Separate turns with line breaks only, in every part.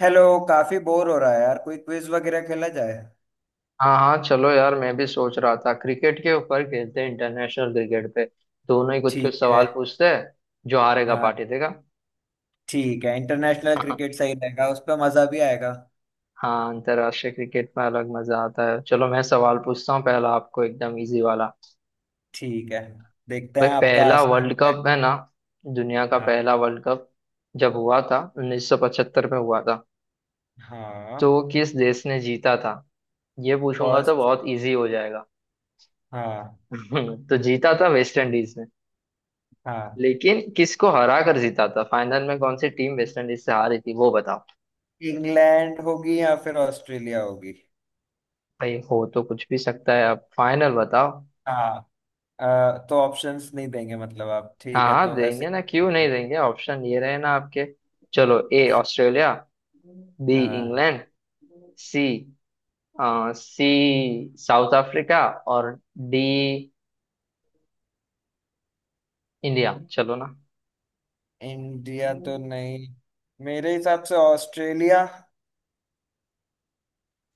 Hello. काफी bore हो रहा है यार, कोई क्विज वगैरह खेला जाए।
हाँ हाँ, चलो यार, मैं भी सोच रहा था। क्रिकेट के ऊपर खेलते हैं, इंटरनेशनल क्रिकेट पे। दोनों ही कुछ कुछ
ठीक है।
सवाल पूछते हैं, जो हारेगा
हाँ।
पार्टी देगा।
ठीक है, इंटरनेशनल क्रिकेट सही रहेगा, उस पर मजा भी आएगा।
हाँ, अंतर्राष्ट्रीय क्रिकेट में अलग मजा आता है। चलो मैं सवाल पूछता हूँ, पहला आपको एकदम इजी वाला।
ठीक है, देखते
भाई
हैं आपका
पहला
आसान
वर्ल्ड
क्या है।
कप है ना, दुनिया का
हाँ।
पहला वर्ल्ड कप, जब हुआ था 1975 में हुआ था,
हाँ।
तो वो किस देश ने जीता था? ये पूछूंगा तो
फर्स्ट।
बहुत इजी हो जाएगा।
हाँ।
तो जीता था वेस्ट इंडीज।
हाँ,
लेकिन किसको हरा कर जीता था, फाइनल में कौन सी टीम वेस्ट इंडीज से हारी थी, वो बताओ।
इंग्लैंड होगी या फिर ऑस्ट्रेलिया होगी।
भाई हो तो कुछ भी सकता है, आप फाइनल बताओ।
हाँ। अ, तो ऑप्शंस नहीं देंगे मतलब आप,
हाँ
ठीक है
हाँ
तो
देंगे
ऐसे।
ना, क्यों नहीं देंगे? ऑप्शन ये रहे ना आपके। चलो, ए ऑस्ट्रेलिया, बी
हाँ।
England, C C South Africa, और डी इंडिया। चलो ना,
इंडिया तो नहीं, मेरे हिसाब से ऑस्ट्रेलिया।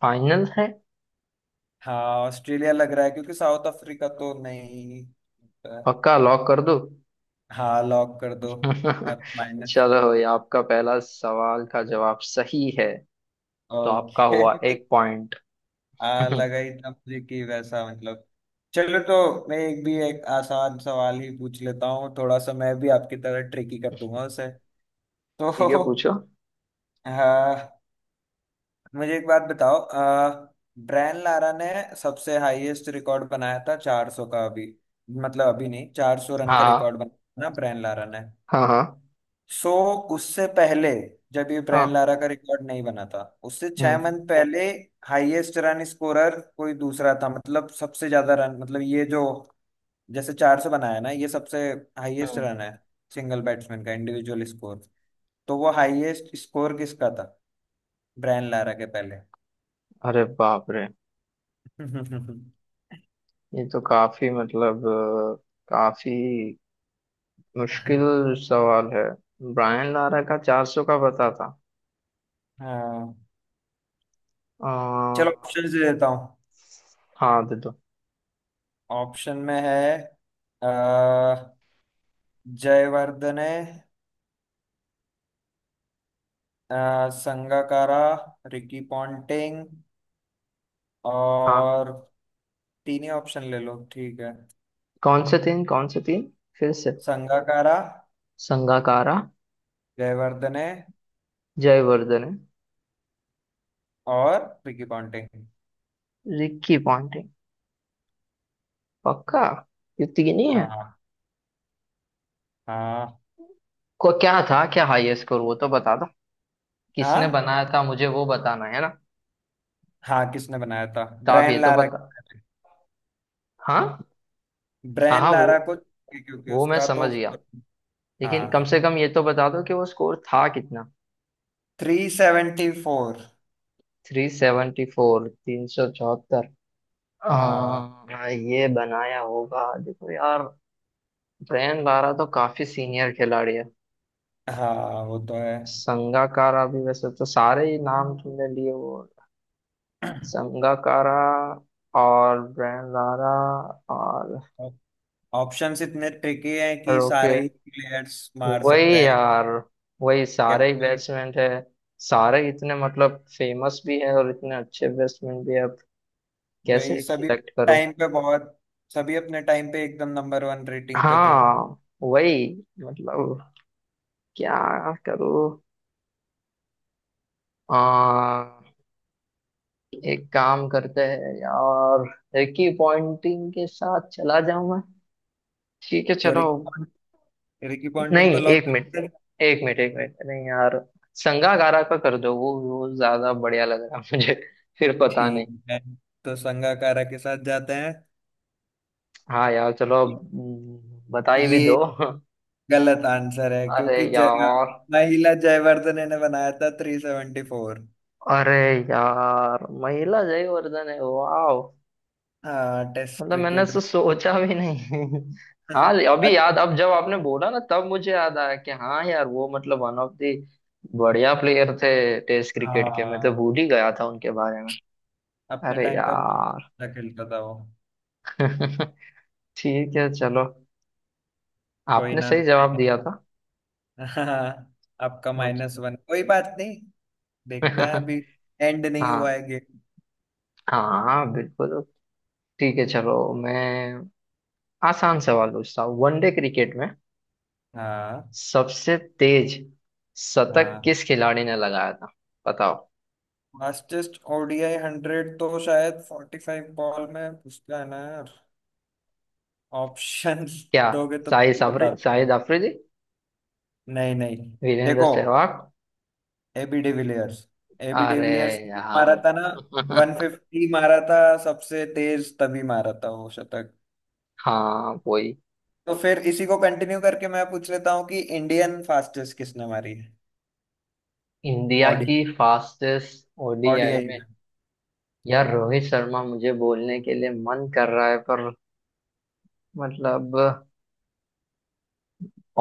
फाइनल है।
हाँ, ऑस्ट्रेलिया लग रहा है क्योंकि साउथ अफ्रीका तो नहीं।
पक्का लॉक कर दो।
हाँ, लॉक कर दो। या माइनस।
चलो, ये आपका पहला सवाल का जवाब सही है। तो आपका
ओके।
हुआ एक पॉइंट।
आ
ठीक
लगा ही था मुझे कि वैसा मतलब। चलो तो मैं एक आसान सवाल ही पूछ लेता हूँ, थोड़ा सा मैं भी आपकी तरह ट्रिकी कर दूंगा उसे। तो
है, पूछो।
हाँ, मुझे एक बात बताओ। ब्रायन लारा ने सबसे हाईएस्ट रिकॉर्ड बनाया था 400 का अभी, मतलब अभी नहीं, 400 रन का
हाँ
रिकॉर्ड बनाया था ना ब्रायन लारा ने।
हाँ हाँ
सो उससे पहले, जब ये ब्रायन
हाँ।
लारा का रिकॉर्ड नहीं बना था, उससे छह
हम्म।
मंथ पहले हाईएस्ट रन स्कोरर कोई दूसरा था, मतलब सबसे ज्यादा रन, मतलब ये जो जैसे चार सौ बनाया ना, ये सबसे हाईएस्ट
हम्म।
रन है सिंगल बैट्समैन का इंडिविजुअल स्कोर, तो वो हाईएस्ट स्कोर किसका था ब्रायन लारा के पहले।
अरे बाप रे, ये तो काफी मतलब काफी मुश्किल सवाल है। ब्रायन लारा का 400 का पता था।
हाँ। चलो
अ,
ऑप्शन दे देता हूँ।
हाँ दे दो।
ऑप्शन में है अ, जयवर्धने, संगाकारा, रिकी पॉन्टिंग
हाँ,
और तीन ही ऑप्शन ले लो ठीक है।
कौन से तीन कौन से तीन? फिर से।
संगाकारा,
संगाकारा,
जयवर्धने
जयवर्धन,
और रिकी पॉन्टिंग।
Ricky Ponting. पक्का ये तीन ही है?
हाँ। हाँ।
को क्या था, क्या हाईएस्ट स्कोर वो तो बता,
हाँ।
किसने बनाया था मुझे वो बताना है ना।
हाँ, किसने बनाया था।
तो आप ये
ब्रायन
तो
लारा।
बता। हाँ हाँ
ब्रायन
हाँ,
लारा को क्योंकि
वो मैं
उसका
समझ
तो।
गया। लेकिन कम
हाँ,
से कम ये तो बता दो कि वो स्कोर था कितना।
Three seventy four.
374, 374।
हाँ
ये बनाया होगा, देखो यार, ब्रेन बारा तो काफी सीनियर खिलाड़ी है।
हाँ, वो तो है।
संगाकारा भी, वैसे तो सारे ही नाम तुमने लिए वो, संगाकारा और ब्रेन लारा और
ऑप्शंस इतने ट्रिकी हैं कि
रोके।
सारे ही प्लेयर्स मार
वही
सकते
यार, वही
हैं।
सारे ही बेसमेंट है। सारे इतने मतलब फेमस भी है और इतने अच्छे बेसमेंट भी है, अब
वही
कैसे
सभी
सिलेक्ट करूं?
टाइम पे बहुत, सभी अपने टाइम पे एकदम नंबर वन रेटिंग पे थे।
हाँ वही, मतलब क्या करूं? आ, एक काम करते हैं यार, एक ही पॉइंटिंग के साथ चला जाऊं मैं। ठीक है
तो
चलो।
रिकी रिकी
नहीं,
पॉन्टिंग को लॉक
एक मिनट,
करते हैं?
एक मिनट एक मिनट, नहीं यार, संगाकारा का कर दो, वो ज्यादा बढ़िया लग रहा है मुझे। फिर पता नहीं।
ठीक है, तो संगाकारा के साथ जाते हैं।
हाँ यार, चलो अब बताई भी
ये
दो।
गलत आंसर है
अरे
क्योंकि जय
यार।
महिला जयवर्धने ने बनाया था थ्री सेवेंटी फोर।
अरे यार, महिला जयवर्धन है, वाह।
हाँ, टेस्ट
मतलब मैंने
क्रिकेट में।
सोचा भी नहीं। हाँ, अभी
अच्छा।
याद, अब जब आपने बोला ना तब मुझे याद आया कि हाँ यार वो मतलब वन ऑफ दी बढ़िया प्लेयर थे टेस्ट क्रिकेट के, मैं तो
हाँ,
भूल ही गया था उनके बारे में।
अपने
अरे
टाइम पे बहुत
यार।
अच्छा खेलता था वो।
ठीक है चलो,
कोई
आपने
ना।
सही जवाब दिया था।
हाँ, आपका माइनस वन, कोई बात नहीं। देखते हैं अभी, एंड नहीं
हाँ
हुआ है गेम।
हाँ, बिल्कुल। ठीक है चलो, मैं आसान सवाल पूछता हूँ। वनडे क्रिकेट में
हाँ।
सबसे तेज शतक
हाँ,
किस खिलाड़ी ने लगाया था? बताओ।
फास्टेस्ट ओडीआई हंड्रेड तो शायद फोर्टी फाइव बॉल में, पूछता है ना यार। ऑप्शन
क्या?
दोगे तो
शाहिद
बता
अफरीदी, शाहिद
दूं।
अफरीदी,
नहीं नहीं,
वीरेंद्र
देखो,
सहवाग।
AB de Villiers. एबी
अरे
डिविलियर्स ने मारा
यार।
था ना। वन फिफ्टी मारा था सबसे तेज, तभी मारा था वो शतक।
हाँ वही।
तो फिर इसी को कंटिन्यू करके मैं पूछ लेता हूँ कि इंडियन फास्टेस्ट किसने मारी
इंडिया
है
की फास्टेस्ट ओडीआई
ओडीआई
में?
में।
यार, रोहित शर्मा मुझे बोलने के लिए मन कर रहा है, पर मतलब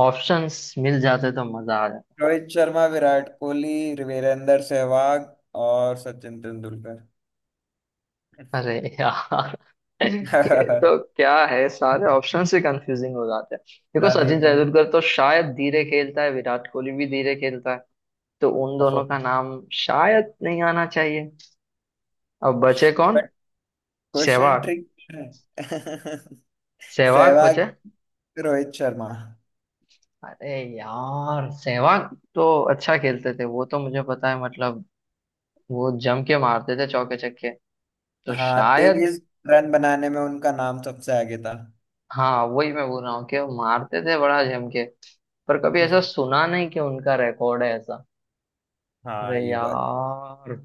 ऑप्शंस मिल जाते तो मजा आ।
रोहित शर्मा, विराट कोहली, वीरेंद्र सहवाग और सचिन तेंदुलकर।
अरे यार। ये तो क्या है, सारे ऑप्शन से कंफ्यूजिंग हो जाते हैं। देखो,
सारे
सचिन
गन।
तेंदुलकर तो शायद धीरे खेलता है, विराट कोहली भी धीरे खेलता है, तो उन
ओह।
दोनों का नाम शायद नहीं आना चाहिए। अब बचे कौन?
But question
Sehwag.
ट्रिक है।
सहवाग
सहवाग,
बचे।
रोहित शर्मा।
अरे यार, सहवाग तो अच्छा खेलते थे, वो तो मुझे पता है। मतलब वो जम के मारते थे चौके छक्के, तो
हाँ,
शायद।
तेईस रन बनाने में उनका नाम सबसे आगे था।
हाँ वही मैं बोल रहा हूँ कि वो मारते थे बड़ा जम के, पर कभी ऐसा सुना नहीं कि उनका रिकॉर्ड है।
हाँ,
अरे
ये बात।
यार,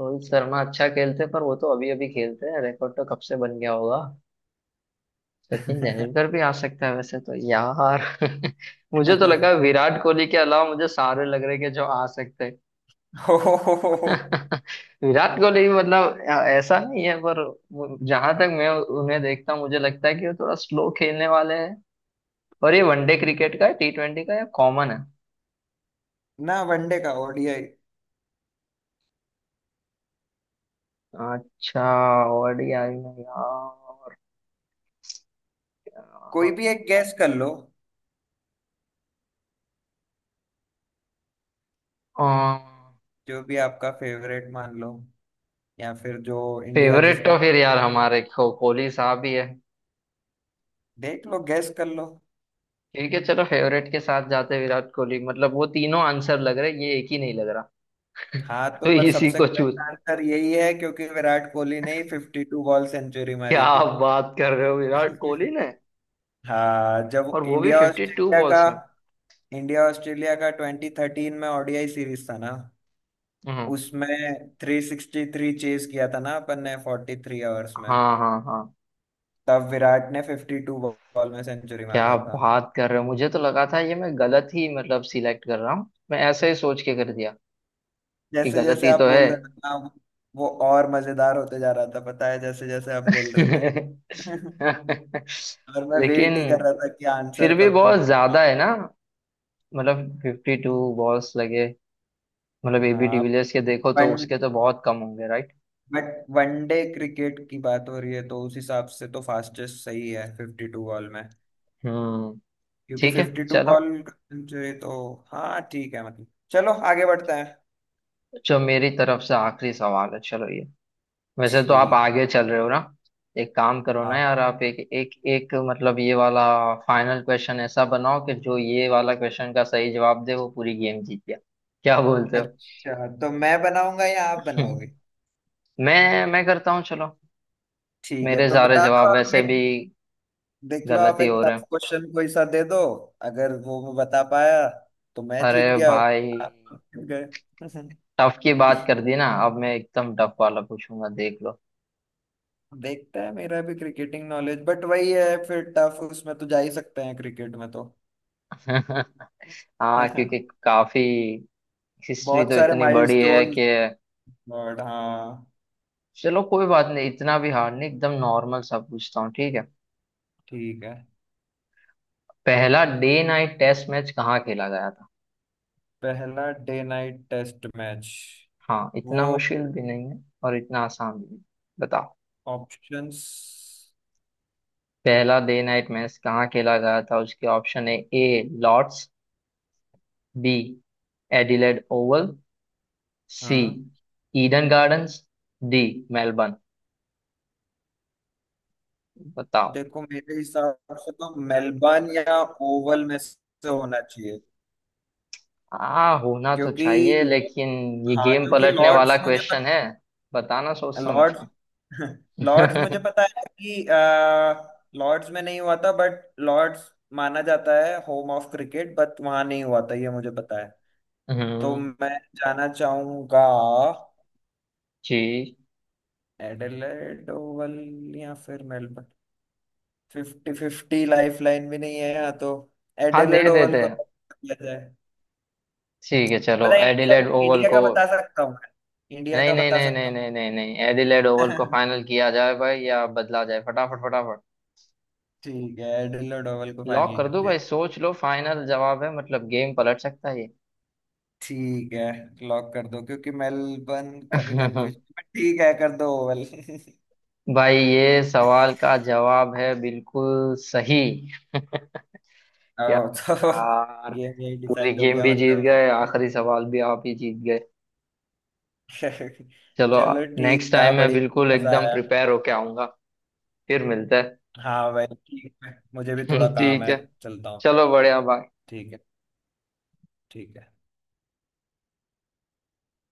रोहित शर्मा अच्छा खेलते, पर वो तो अभी अभी खेलते हैं, रिकॉर्ड तो कब से बन गया होगा। सचिन तेंदुलकर भी आ सकता है वैसे तो यार। मुझे तो लगा विराट कोहली के अलावा मुझे सारे लग रहे कि जो आ सकते हैं।
हो
विराट कोहली भी मतलब ऐसा नहीं है, पर जहां तक मैं उन्हें देखता हूँ, मुझे लगता है कि वो थोड़ा स्लो खेलने वाले हैं। और ये वनडे क्रिकेट का है, T20 का, या कॉमन है?
ना। वनडे का, ओडीआई।
अच्छा, ओडीआई में यार।
कोई भी एक गैस कर लो,
अ,
जो भी आपका फेवरेट मान लो, या फिर जो इंडिया
फेवरेट
जिसने।
तो फिर यार हमारे को, कोहली साहब ही है।
देख लो, गैस कर लो।
ठीक है चलो, फेवरेट के साथ जाते हैं, विराट कोहली। मतलब वो तीनों आंसर लग रहे, ये एक ही नहीं लग रहा।
हाँ, तो
तो
पर
इसी
सबसे
को चूज।
करेक्ट आंसर यही है क्योंकि विराट कोहली ने ही फिफ्टी टू बॉल सेंचुरी
क्या
मारी थी।
आप बात कर रहे हो? विराट कोहली ने?
हाँ, जब
और वो भी
इंडिया
फिफ्टी टू
ऑस्ट्रेलिया का,
बॉल्स में?
इंडिया ऑस्ट्रेलिया का ट्वेंटी थर्टीन में ओडीआई सीरीज था ना,
हम्म।
उसमें थ्री सिक्सटी थ्री चेज किया था ना अपन ने फोर्टी थ्री आवर्स में।
हाँ हाँ हाँ।
तब विराट ने फिफ्टी टू बॉल में सेंचुरी
क्या
मारा था।
बात कर रहे हो, मुझे तो लगा था ये मैं गलत ही मतलब सिलेक्ट कर रहा हूँ, मैं ऐसे ही सोच के कर दिया कि
जैसे जैसे
गलती
आप
तो है।
बोल रहे थे ना, वो और मजेदार होते जा रहा था, पता है, जैसे जैसे आप बोल रहे थे और मैं वेट ही कर
लेकिन
रहा था कि आंसर
फिर भी
कब
बहुत ज्यादा
मिलेगा।
है ना, मतलब 52 बॉल्स लगे। मतलब एबी
हाँ।
डिविलियर्स के देखो तो
वन।
उसके तो बहुत कम होंगे, राइट?
बट वनडे क्रिकेट की बात हो रही है तो उस हिसाब से तो फास्टेस्ट सही है फिफ्टी टू बॉल में,
हम्म।
क्योंकि
ठीक है
फिफ्टी टू
चलो।
बॉल सेंचुरी तो। हाँ, ठीक है, मतलब चलो आगे बढ़ते हैं।
जो मेरी तरफ से आखिरी सवाल है, चलो ये। वैसे तो आप
ठीक।
आगे चल रहे हो ना, एक काम करो ना
हाँ।
यार, आप एक एक एक मतलब ये वाला फाइनल क्वेश्चन ऐसा बनाओ कि जो ये वाला क्वेश्चन का सही जवाब दे वो पूरी गेम जीत गया। क्या बोलते हो?
अच्छा, तो मैं बनाऊंगा या आप बनाओगे?
मैं करता हूँ चलो।
ठीक है,
मेरे
तो
सारे
बता
जवाब
दो आप
वैसे भी
एक। देख लो,
गलत
आप
ही
एक
हो रहे
टफ
हैं।
क्वेश्चन कोई सा दे दो। अगर वो मैं बता पाया तो मैं
अरे
जीत गया,
भाई,
आप जीत गए।
टफ की बात कर दी ना, अब मैं एकदम टफ वाला पूछूंगा, देख लो।
देखता है मेरा भी क्रिकेटिंग नॉलेज, बट वही है, फिर टफ उसमें तो जा ही सकते हैं क्रिकेट में तो।
हाँ क्योंकि काफी हिस्ट्री
बहुत
तो
सारे
इतनी बड़ी है
माइलस्टोन।
कि।
बट हाँ,
चलो कोई बात नहीं, इतना भी हार्ड नहीं, एकदम नॉर्मल सा पूछता हूँ, ठीक है।
ठीक है।
पहला डे नाइट टेस्ट मैच कहाँ खेला गया था?
पहला डे नाइट टेस्ट मैच।
हाँ,
वो
इतना मुश्किल भी नहीं है और इतना आसान भी नहीं। बताओ।
ऑप्शंस।
पहला डे नाइट मैच कहाँ खेला गया था, उसके ऑप्शन है: A Lord's, B Adelaide Oval, C
हाँ,
ईडन गार्डन्स, डी मेलबर्न। बताओ।
देखो मेरे हिसाब से तो मेलबर्न या ओवल में से होना चाहिए,
हाँ, होना तो
क्योंकि
चाहिए लेकिन ये
हाँ,
गेम
क्योंकि
पलटने वाला
लॉर्ड्स मुझे
क्वेश्चन है, बताना सोच समझ
लॉर्ड्स,
के।
लॉर्ड्स मुझे पता है कि लॉर्ड्स में नहीं हुआ था, बट लॉर्ड्स माना जाता है होम ऑफ क्रिकेट, बट वहां नहीं हुआ था, ये मुझे पता है। तो
हम्म।
मैं जाना चाहूंगा
जी।
एडिलेड ओवल या फिर Melbourne. Fifty fifty lifeline भी नहीं है यहाँ तो।
हाँ, दे
एडिलेड ओवल
देते
को
हैं।
lock किया जाए।
ठीक है चलो,
पता है इंडिया
एडिलेड ओवल
इंडिया का
को।
बता सकता हूँ मैं, इंडिया
नहीं
का
नहीं
बता
नहीं नहीं
सकता
नहीं नहीं नहीं, एडिलेड ओवल को
हूँ।
फाइनल किया जाए भाई, या बदला जाए, फटाफट फटाफट।
ठीक है, एडिलेड ओवल को
लॉक
फाइनल
कर
कर
दो
दिया।
भाई, सोच लो, फाइनल जवाब है, मतलब गेम पलट सकता है ये।
ठीक है, लॉक कर दो क्योंकि मेलबर्न का भी कंफ्यूजन, ठीक है, कर दो ओवल।
भाई, ये सवाल का जवाब है बिल्कुल सही। क्या
आओ, तो
यार,
गेम यही
पूरी
डिसाइड हो
गेम
गया
भी जीत
मतलब।
गए, आखिरी सवाल भी आप ही जीत गए। चलो।
चलो,
नेक्स्ट
ठीक था,
टाइम मैं बिल्कुल
बढ़िया। मजा
एकदम
आया।
प्रिपेयर होके आऊंगा। फिर मिलते
हाँ भाई, ठीक है, मुझे भी
हैं।
थोड़ा काम
ठीक
है,
है
चलता हूँ।
चलो, बढ़िया, बाय।
ठीक है। ठीक है।